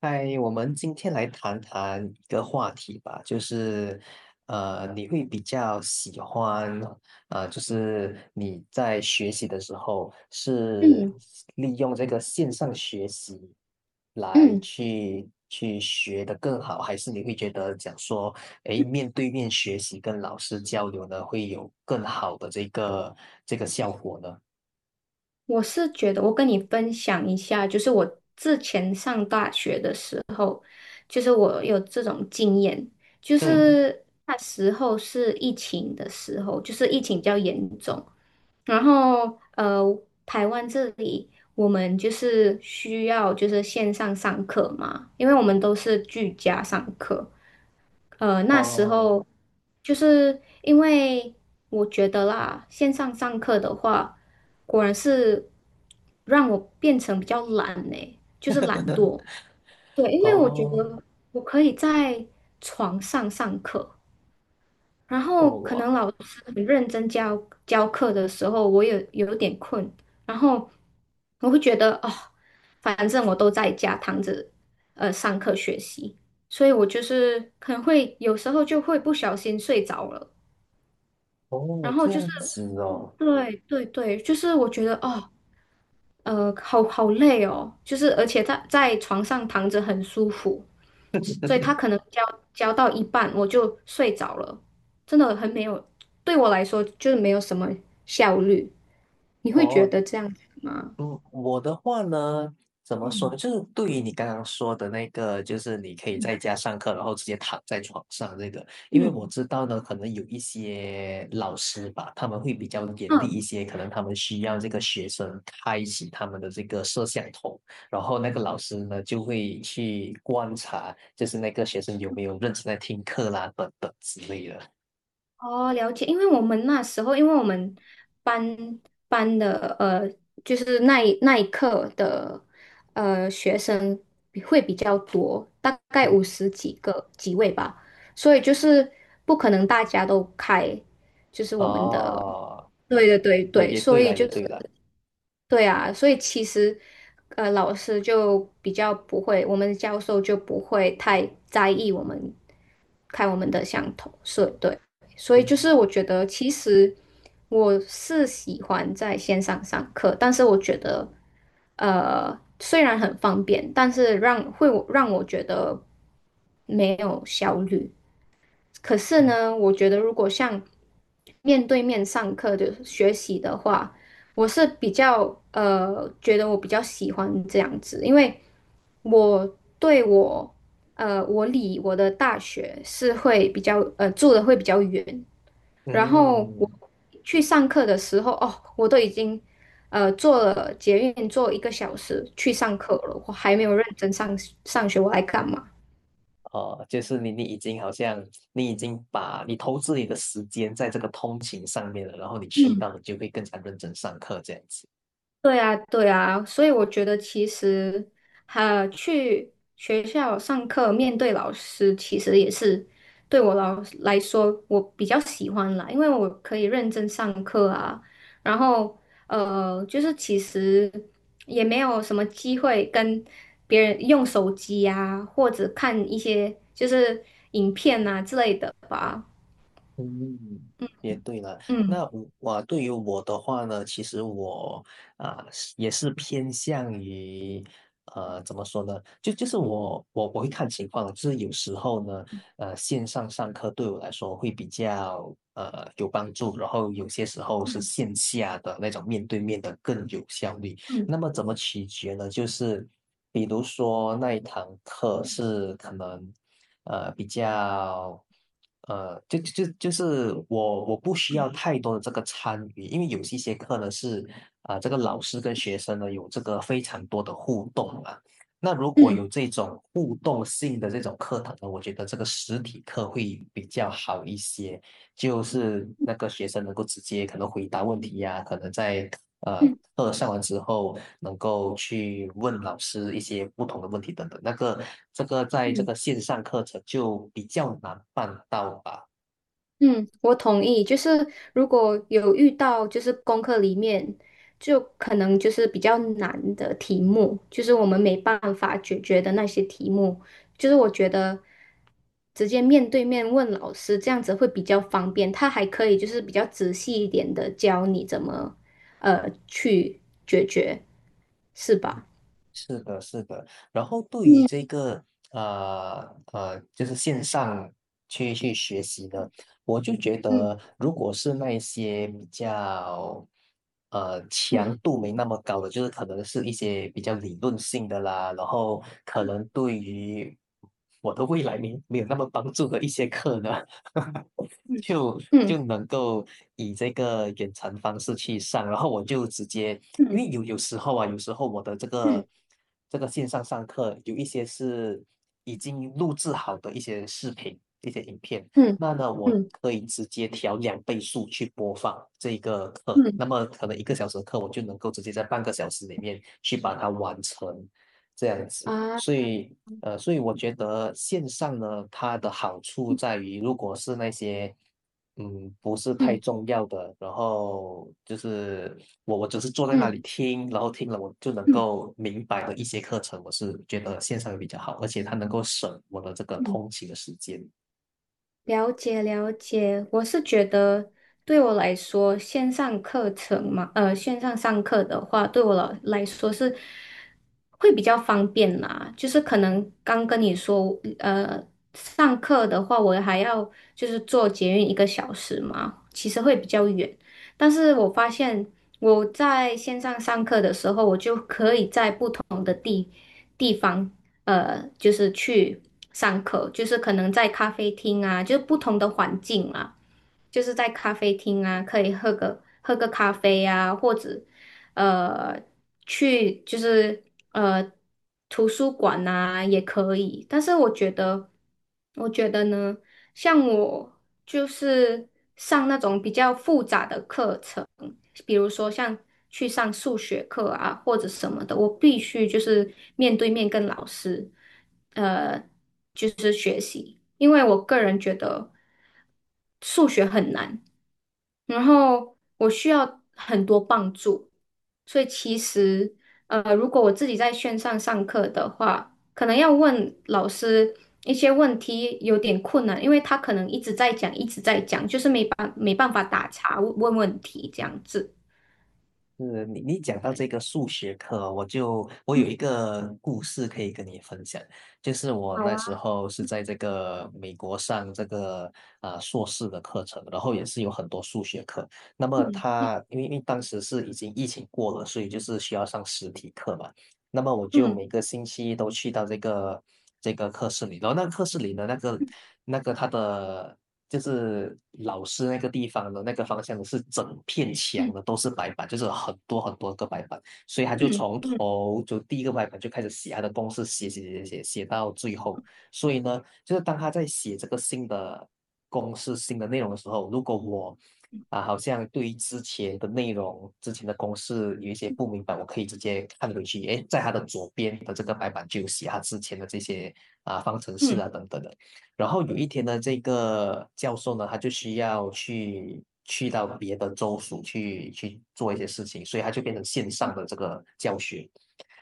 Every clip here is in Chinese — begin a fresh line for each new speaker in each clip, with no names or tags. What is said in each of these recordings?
嗨，我们今天来谈谈一个话题吧，就是，你会比较喜欢，就是你在学习的时候是
嗯
利用这个线上学习来
嗯，
去学得更好，还是你会觉得讲说，诶，面对面学习跟老师交流呢，会有更好的这个效果呢？
我是觉得我跟你分享一下，就是我之前上大学的时候，就是我有这种经验，就
嗯，
是那时候是疫情的时候，就是疫情比较严重，然后台湾这里我们就是需要就是线上上课嘛，因为我们都是居家上课，那时
哦，
候就是因为我觉得啦，线上上课的话，果然是让我变成比较懒呢，就是懒惰。对，因为我觉
哦，
得我可以在床上上课，然后可
哇，
能老师很认真教课的时候，我也有点困，然后我会觉得哦，反正我都在家躺着，上课学习，所以我就是可能会有时候就会不小心睡着了，然
哦，
后
这
就是，
样子哦。
对对对，就是我觉得哦，好好累哦，就是而且在床上躺着很舒服，所以他可能教到一半我就睡着了，真的很没有，对我来说就是没有什么效率。你会觉
哦，
得这样子吗？
嗯，我的话呢，怎么说呢？就是对于你刚刚说的那个，就是你可以在家上课，然后直接躺在床上这个，因为
嗯
我知道呢，可能有一些老师吧，他们会比较严厉
嗯，
一些，可能他们需要这个学生开启他们的这个摄像头，然后那个老师呢就会去观察，就是那个学生有没有认真在听课啦，等等之类的。
哦，了解。因为我们那时候，因为我们班班的就是那一课的学生比较多，大概
嗯
50几位吧，所以就是不可能大家都开，就是我们的。
哦，
对对对
也
对，
也
所
对
以
了，也
就
对了。
是。对啊，所以其实，老师就比较不会，我们的教授就不会太在意我们看我们的相同色，对，所以就
嗯
是我觉得其实我是喜欢在线上上课，但是我觉得，虽然很方便，但是让我觉得没有效率，可是呢，我觉得如果像面对面上课的学习的话，我是比较觉得我比较喜欢这样子，因为我对我我离我的大学是会比较呃住的会比较远，
嗯。
然后我
嗯
去上课的时候，哦，我都已经坐了捷运坐一个小时去上课了，我还没有认真上学，我来干嘛？
哦，就是你已经好像你已经把你投资你的时间在这个通勤上面了，然后你去
嗯。
到你就会更加认真上课这样子。
对啊，对啊，所以我觉得其实，去学校上课面对老师，其实也是对我老来说，我比较喜欢啦，因为我可以认真上课啊，然后就是其实也没有什么机会跟别人用手机啊，或者看一些就是影片啊之类的吧，
嗯，也对了。
嗯
那我对于我的话呢，其实我是也是偏向于怎么说呢？就是我会看情况，就是有时候呢，线上上课对我来说会比较有帮助，然后有些时候是
嗯
线下的那种面对面的更有效率。
嗯
那么怎么取决呢？就是比如说那一堂课是可能比较就是我不需要太多的这个参与，因为有一些课呢是这个老师跟学生呢有这个非常多的互动啊。那如果
嗯
有这种互动性的这种课堂呢，我觉得这个实体课会比较好一些。就是那个学生能够直接可能回答问题呀、可能在呃
嗯。
课上完之后能够去问老师一些不同的问题等等。那个这个在这
嗯
个线上课程就比较难办到吧。
嗯，我同意。就是如果有遇到，就是功课里面就可能就是比较难的题目，就是我们没办法解决的那些题目，就是我觉得直接面对面问老师这样子会比较方便，他还可以就是比较仔细一点的教你怎么去解决，是吧？
是的，是的。然后对于这
嗯
个呃就是线上去学习的，我就觉
嗯
得，如果是那一些比较强度没那么高的，就是可能是一些比较理论性的啦，然后可能对于我的未来没有那么帮助的一些课呢，
嗯
就
嗯
能够以这个远程方式去上，然后我就直接因
嗯
为有时候啊，有时候我的这
嗯
个这个线上上课有一些是已经录制好的一些视频、一些影片，
嗯
那呢，
嗯
我
嗯
可以直接调2倍速去播放这个课，那
嗯
么可能1个小时的课，我就能够直接在半个小时里面去把它完成，这样子。所
啊
以，所以我觉得线上呢，它的好处在于，如果是那些不是太
嗯
重要的，然后就是我只是坐在那
嗯
里听，然后听了我就能
嗯。
够明白的一些课程，我是觉得线上比较好，而且它能够省我的这个
嗯
通勤的时间。
了解了解，我是觉得对我来说，线上课程嘛，线上上课的话，对我来说是会比较方便啦。就是可能刚跟你说，上课的话，我还要就是坐捷运一个小时嘛，其实会比较远。但是我发现我在线上上课的时候，我就可以在不同的地方。就是去上课，就是可能在咖啡厅啊，就是不同的环境啊，就是在咖啡厅啊，可以喝个咖啡啊，或者呃去就是呃图书馆啊也可以。但是我觉得，我觉得呢，像我就是上那种比较复杂的课程。比如说像去上数学课啊或者什么的，我必须就是面对面跟老师，呃，因为我个人觉得数学很难，然后我需要很多帮助，所以其实如果我自己在线上上课的话，可能要问老师。一些问题有点困难，因为他可能一直在讲，一直在讲，就是没办法打岔问问题这样子。
是你讲到这
对，
个数学课哦我有
嗯，
一个故事可以跟你分享，就是我
好
那时
啊。
候是在这个美国上这个硕士的课程，然后也是有很多数学课。那么
嗯
他因为当时是已经疫情过了，所以就是需要上实体课嘛。那么我就
嗯
每个星期都去到这个课室里，然后那个课室里的那个他的就是老师那个地方的那个方向是整片墙
嗯
的都是白板，就是很多很多个白板，所以他就
嗯
从
嗯
头就第一个白板就开始写他的公式，写写写写写到最后，所以呢，就是当他在写这个新的公式、新的内容的时候，如果我好像对于之前的内容、之前的公式有一些不明白，我可以直接看回去。诶，在他的左边的这个白板就有写他之前的这些方程式
嗯
啊等等的。然后有一天呢，这个教授呢，他就需要去到别的州属去做一些事情，所以他就变成线上的这个教学。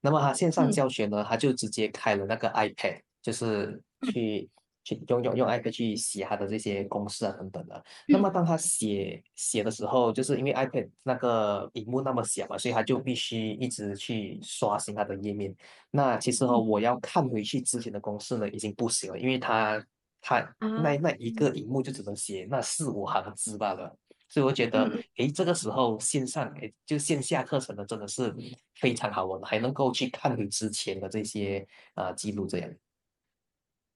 那么他线上教
嗯
学呢，他就直接开了那个 iPad,就是
嗯嗯
去用 iPad 去写他的这些公式啊等等的。那么
嗯
当他写写的时候，就是因为 iPad 那个屏幕那么小嘛，所以他就必须一直去刷新他的页面。那其实哦，
嗯
我要看回去之前的公式呢，已经不行了，因为他
啊
那一
嗯
个荧幕就只能写那四五行字罢了。所以我觉得，
嗯
诶，这个时候线上，诶，就线下课程呢，真的是非常好玩，还能够去看你之前的这些记录，这样。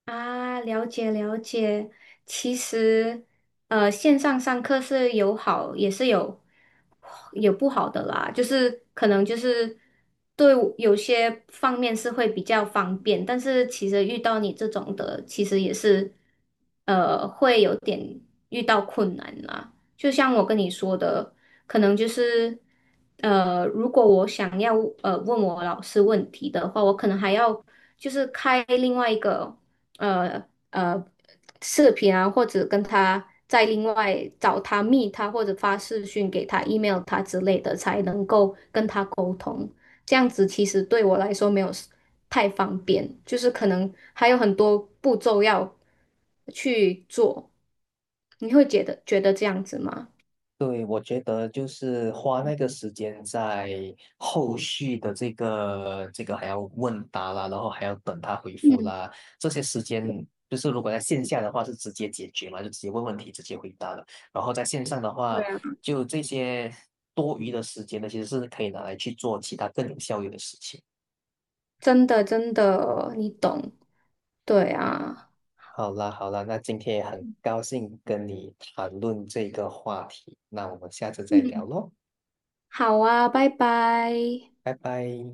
啊，了解了解。其实，线上上课是有好，也是有不好的啦。就是可能就是对我有些方面是会比较方便，但是其实遇到你这种的，其实也是会有点遇到困难啦。就像我跟你说的，可能就是如果我想要问我老师问题的话，我可能还要就是开另外一个。呃呃视频啊，或者跟他再另外找他密他，或者发视讯给他、email 他之类的，才能够跟他沟通。这样子其实对我来说没有 太方便，就是可能还有很多步骤要去做。你会觉得这样子吗？
对，我觉得就是花那个时间在后续的这个还要问答啦，然后还要等他回复
嗯，
啦，这些时间就是如果在线下的话是直接解决嘛，就直接问问题，直接回答了。然后在线上的
对
话，
啊，
就这些多余的时间呢，其实是可以拿来去做其他更有效率的事情。
真的真的，你懂。对啊，
好啦好啦，那今天也很高兴跟你谈论这个话题，那我们下次再聊
嗯。
喽，
好啊，拜拜。
拜拜。